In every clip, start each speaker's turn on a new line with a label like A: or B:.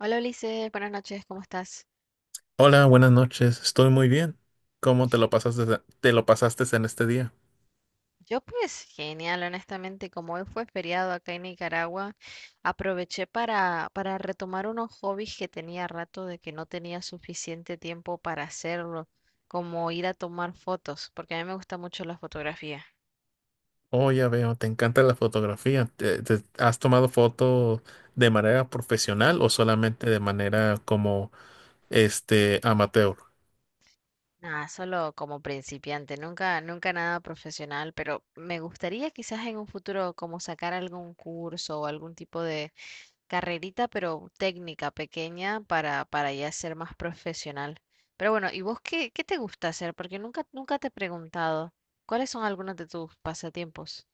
A: Hola Ulises, buenas noches, ¿cómo estás?
B: Hola, buenas noches. Estoy muy bien. ¿Cómo te lo pasaste en este día?
A: Yo pues genial, honestamente, como hoy fue feriado acá en Nicaragua, aproveché para retomar unos hobbies que tenía rato de que no tenía suficiente tiempo para hacerlo, como ir a tomar fotos, porque a mí me gusta mucho la fotografía.
B: Oh, ya veo, te encanta la fotografía. Has tomado fotos de manera profesional o solamente de manera como este amateur?
A: Nada, solo como principiante, nunca, nunca nada profesional, pero me gustaría quizás en un futuro como sacar algún curso o algún tipo de carrerita, pero técnica pequeña para ya ser más profesional. Pero bueno, ¿y vos qué te gusta hacer? Porque nunca, nunca te he preguntado cuáles son algunos de tus pasatiempos.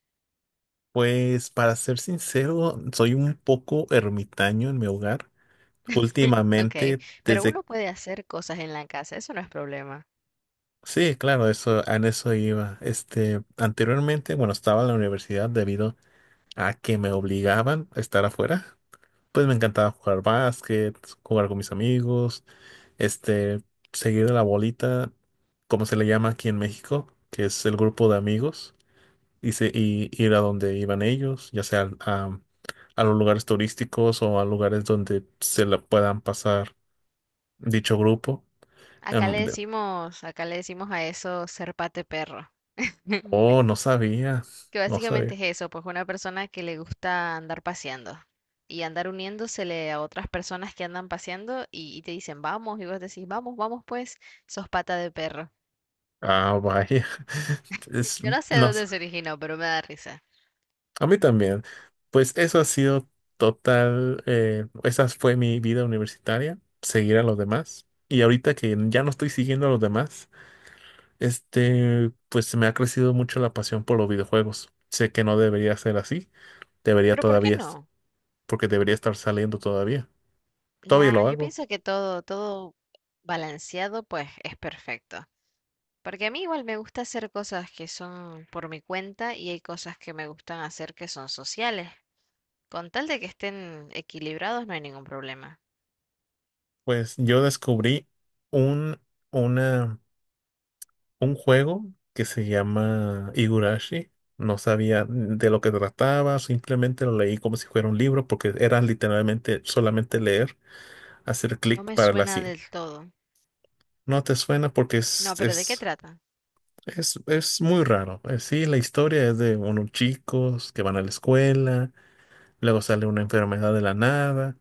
B: Pues para ser sincero, soy un poco ermitaño en mi hogar.
A: Ok,
B: Últimamente,
A: pero
B: desde.
A: uno puede hacer cosas en la casa, eso no es problema.
B: Sí, claro, eso, en eso iba. Anteriormente, bueno, estaba en la universidad debido a que me obligaban a estar afuera. Pues me encantaba jugar básquet, jugar con mis amigos, este, seguir a la bolita, como se le llama aquí en México, que es el grupo de amigos, y ir a donde iban ellos, ya sea a los lugares turísticos o a lugares donde se la puedan pasar dicho grupo.
A: Acá
B: Em,
A: le
B: de-
A: decimos, acá le decimos a eso ser pate perro.
B: oh, no sabía,
A: Que
B: no
A: básicamente
B: sabía.
A: es eso, pues una persona que le gusta andar paseando y andar uniéndosele a otras personas que andan paseando y te dicen vamos y vos decís vamos, vamos pues, sos pata de perro.
B: Ah, vaya. Es-
A: Yo no sé
B: no.
A: dónde se originó, pero me da risa.
B: A mí también. Pues eso ha sido total. Esa fue mi vida universitaria, seguir a los demás. Y ahorita que ya no estoy siguiendo a los demás, pues se me ha crecido mucho la pasión por los videojuegos. Sé que no debería ser así, debería
A: Pero ¿por qué
B: todavía,
A: no?
B: porque debería estar saliendo todavía. Todavía
A: Nah,
B: lo
A: yo
B: hago.
A: pienso que todo balanceado pues es perfecto. Porque a mí igual me gusta hacer cosas que son por mi cuenta y hay cosas que me gustan hacer que son sociales. Con tal de que estén equilibrados no hay ningún problema.
B: Pues yo descubrí un, un juego que se llama Higurashi. No sabía de lo que trataba, simplemente lo leí como si fuera un libro, porque era literalmente solamente leer, hacer
A: No
B: clic
A: me
B: para la
A: suena
B: sí.
A: del todo.
B: No te suena porque
A: No,
B: es,
A: pero ¿de qué
B: es,
A: trata?
B: es, es muy raro. Sí, la historia es de unos chicos que van a la escuela, luego sale una enfermedad de la nada,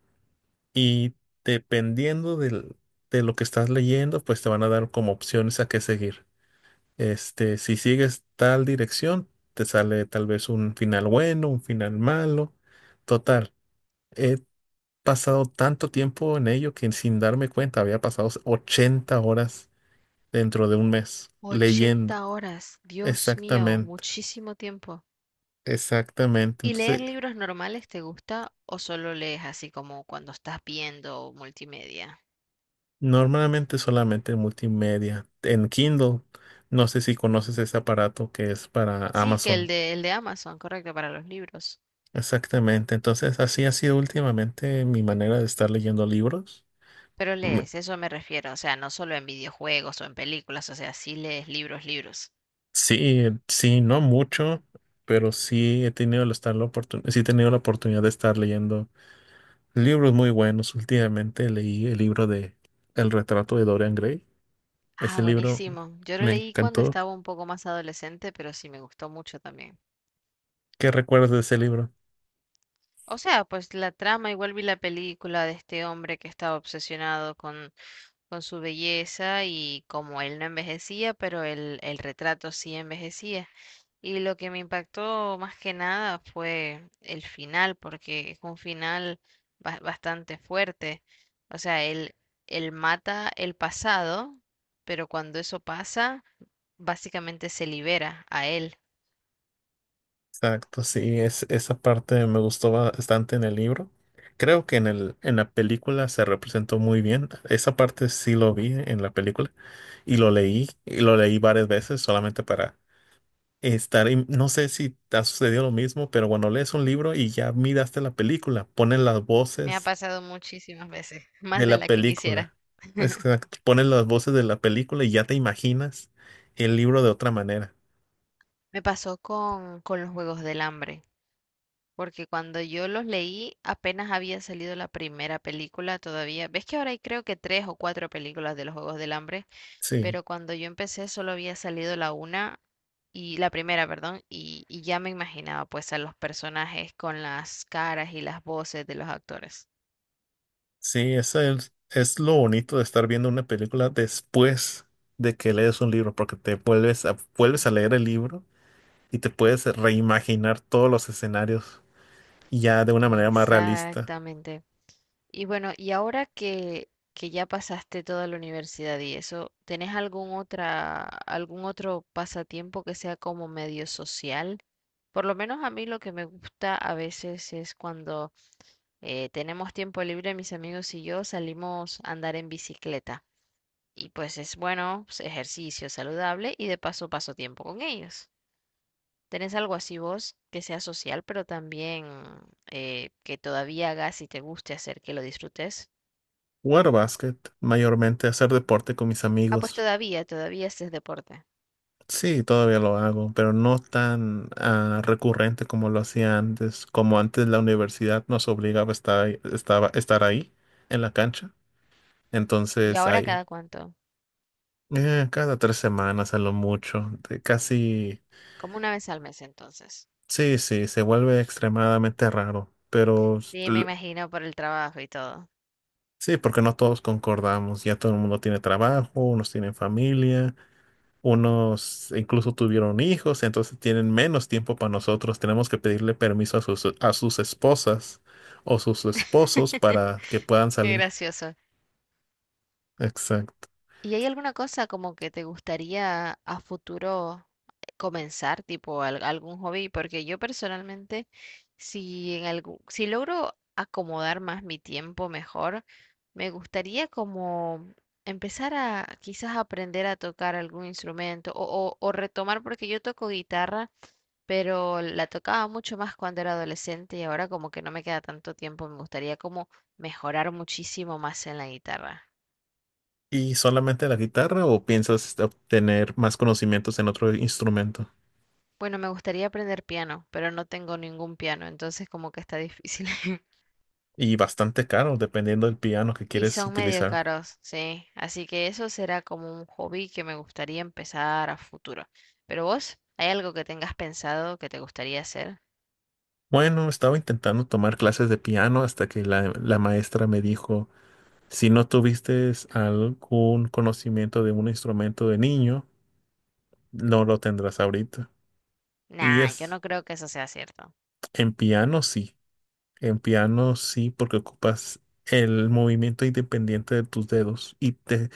B: y dependiendo de lo que estás leyendo, pues te van a dar como opciones a qué seguir. Si sigues tal dirección, te sale tal vez un final bueno, un final malo. Total, he pasado tanto tiempo en ello que sin darme cuenta había pasado 80 horas dentro de un mes
A: 80
B: leyendo.
A: horas, Dios mío,
B: Exactamente,
A: muchísimo tiempo.
B: exactamente.
A: ¿Y leer
B: Entonces,
A: libros normales te gusta o solo lees así como cuando estás viendo multimedia?
B: normalmente solamente en multimedia, en Kindle. No sé si conoces ese aparato que es para
A: Sí, que
B: Amazon.
A: el de Amazon, correcto, para los libros.
B: Exactamente. Entonces, así ha sido últimamente mi manera de estar leyendo libros.
A: Pero lees, eso me refiero, o sea, no solo en videojuegos o en películas, o sea, sí lees libros, libros.
B: Sí, sí, no mucho, pero sí he tenido la oportunidad de estar leyendo libros muy buenos. Últimamente leí el libro de El retrato de Dorian Gray. Ese
A: Ah,
B: libro
A: buenísimo. Yo lo
B: me
A: leí cuando
B: encantó.
A: estaba un poco más adolescente, pero sí me gustó mucho también.
B: ¿Qué recuerdas de ese libro?
A: O sea, pues la trama, igual vi la película de este hombre que estaba obsesionado con su belleza y como él no envejecía, pero el retrato sí envejecía. Y lo que me impactó más que nada fue el final, porque es un final bastante fuerte. O sea, él mata el pasado, pero cuando eso pasa, básicamente se libera a él.
B: Exacto, sí, esa parte me gustó bastante en el libro. Creo que en la película se representó muy bien. Esa parte sí lo vi en la película y lo leí, varias veces solamente para no sé si te ha sucedido lo mismo, pero cuando lees un libro y ya miraste la película, ponen las
A: Me ha
B: voces
A: pasado muchísimas veces,
B: de
A: más de
B: la
A: la que quisiera.
B: película. Exacto, ponen las voces de la película y ya te imaginas el libro de otra manera.
A: Me pasó con los Juegos del Hambre. Porque cuando yo los leí, apenas había salido la primera película todavía. Ves que ahora hay creo que tres o cuatro películas de los Juegos del Hambre,
B: Sí,
A: pero cuando yo empecé solo había salido la una y la primera, perdón, y ya me imaginaba pues a los personajes con las caras y las voces de los actores.
B: sí, eso es lo bonito de estar viendo una película después de que lees un libro, porque vuelves a leer el libro y te puedes reimaginar todos los escenarios ya de una manera más realista.
A: Exactamente. Y bueno, y ahora que ya pasaste toda la universidad y eso, ¿tenés algún otra, algún otro pasatiempo que sea como medio social? Por lo menos a mí lo que me gusta a veces es cuando tenemos tiempo libre, mis amigos y yo salimos a andar en bicicleta. Y pues es bueno, pues, ejercicio saludable y de paso paso tiempo con ellos. ¿Tenés algo así vos que sea social, pero también que todavía hagas y te guste hacer, que lo disfrutes?
B: Jugar básquet, mayormente hacer deporte con mis
A: Ah, pues
B: amigos.
A: todavía, todavía este es deporte.
B: Sí, todavía lo hago, pero no tan recurrente como lo hacía antes. Como antes la universidad nos obligaba a estar ahí en la cancha.
A: ¿Y
B: Entonces,
A: ahora
B: ahí,
A: cada cuánto?
B: cada 3 semanas a lo mucho. De Casi,
A: Como una vez al mes entonces.
B: sí, sí, se vuelve extremadamente raro. Pero
A: Sí, me imagino por el trabajo y todo.
B: sí, porque no todos concordamos. Ya todo el mundo tiene trabajo, unos tienen familia. Unos incluso tuvieron hijos, entonces tienen menos tiempo para nosotros. Tenemos que pedirle permiso a sus esposas o sus esposos para que puedan
A: Qué
B: salir.
A: gracioso.
B: Exacto.
A: ¿Y hay alguna cosa como que te gustaría a futuro comenzar, tipo algún hobby? Porque yo personalmente, si en algún, si logro acomodar más mi tiempo mejor, me gustaría como empezar a quizás aprender a tocar algún instrumento o retomar, porque yo toco guitarra pero la tocaba mucho más cuando era adolescente y ahora como que no me queda tanto tiempo, me gustaría como mejorar muchísimo más en la guitarra.
B: ¿Y solamente la guitarra o piensas obtener más conocimientos en otro instrumento?
A: Bueno, me gustaría aprender piano, pero no tengo ningún piano, entonces como que está difícil.
B: Y bastante caro, dependiendo del piano que
A: Y
B: quieres
A: son medio
B: utilizar.
A: caros, sí. Así que eso será como un hobby que me gustaría empezar a futuro. Pero vos, ¿hay algo que tengas pensado que te gustaría hacer?
B: Bueno, estaba intentando tomar clases de piano hasta que la maestra me dijo, si no tuviste algún conocimiento de un instrumento de niño, no lo tendrás ahorita. Y
A: Nah, yo
B: es
A: no creo que eso sea cierto.
B: en piano sí, en piano sí, porque ocupas el movimiento independiente de tus dedos. Y te,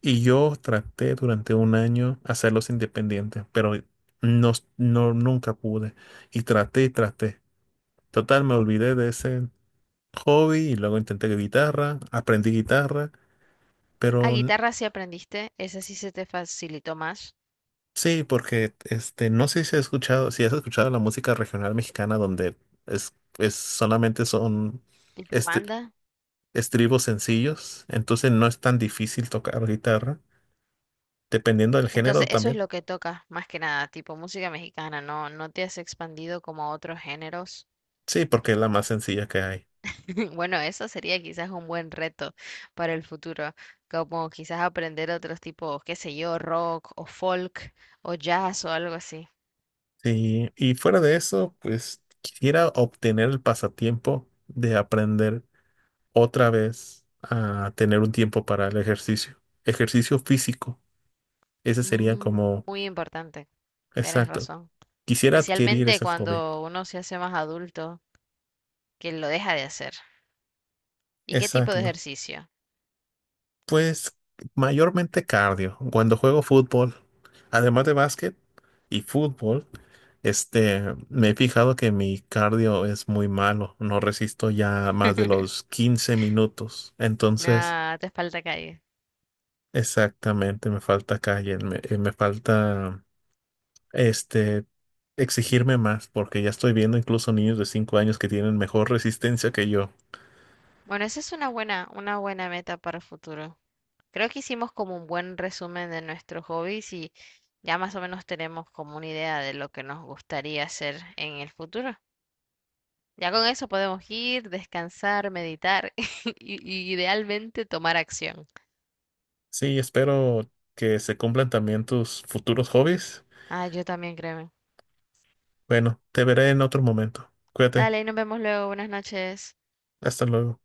B: y yo traté durante un año hacerlos independientes, pero no, no, nunca pude. Y traté y traté. Total, me olvidé de ese hobby y luego intenté guitarra, aprendí guitarra,
A: A
B: pero
A: guitarra sí aprendiste, esa sí se te facilitó más.
B: sí, porque no sé si has escuchado, la música regional mexicana donde es solamente son.
A: ¿Tipo
B: este,
A: banda?
B: Estribos sencillos, entonces no es tan difícil tocar guitarra, dependiendo del
A: Entonces,
B: género
A: eso es
B: también.
A: lo que tocas más que nada, tipo música mexicana, ¿no? No te has expandido como a otros géneros.
B: Sí, porque es la más sencilla que hay.
A: Bueno, eso sería quizás un buen reto para el futuro, como quizás aprender otros tipos, qué sé yo, rock o folk o jazz o algo así.
B: Sí, y fuera de eso, pues quisiera obtener el pasatiempo de aprender otra vez a tener un tiempo para el ejercicio, ejercicio físico. Ese sería
A: Mm,
B: como,
A: muy importante, tienes
B: exacto,
A: razón.
B: quisiera adquirir
A: Especialmente
B: ese hobby.
A: cuando uno se hace más adulto, que lo deja de hacer. ¿Y qué tipo de
B: Exacto.
A: ejercicio?
B: Pues mayormente cardio. Cuando juego fútbol, además de básquet y fútbol, este, me he fijado que mi cardio es muy malo. No resisto ya más de los 15 minutos. Entonces,
A: Nada, te falta calle.
B: exactamente, me falta calle, me falta, este, exigirme más, porque ya estoy viendo incluso niños de 5 años que tienen mejor resistencia que yo.
A: Bueno, esa es una, buena, una buena meta para el futuro. Creo que hicimos como un buen resumen de nuestros hobbies y ya más o menos tenemos como una idea de lo que nos gustaría hacer en el futuro. Ya con eso podemos ir, descansar, meditar y, y idealmente tomar acción.
B: Sí, espero que se cumplan también tus futuros hobbies.
A: Ah, yo también, créeme.
B: Bueno, te veré en otro momento. Cuídate.
A: Dale, nos vemos luego. Buenas noches.
B: Hasta luego.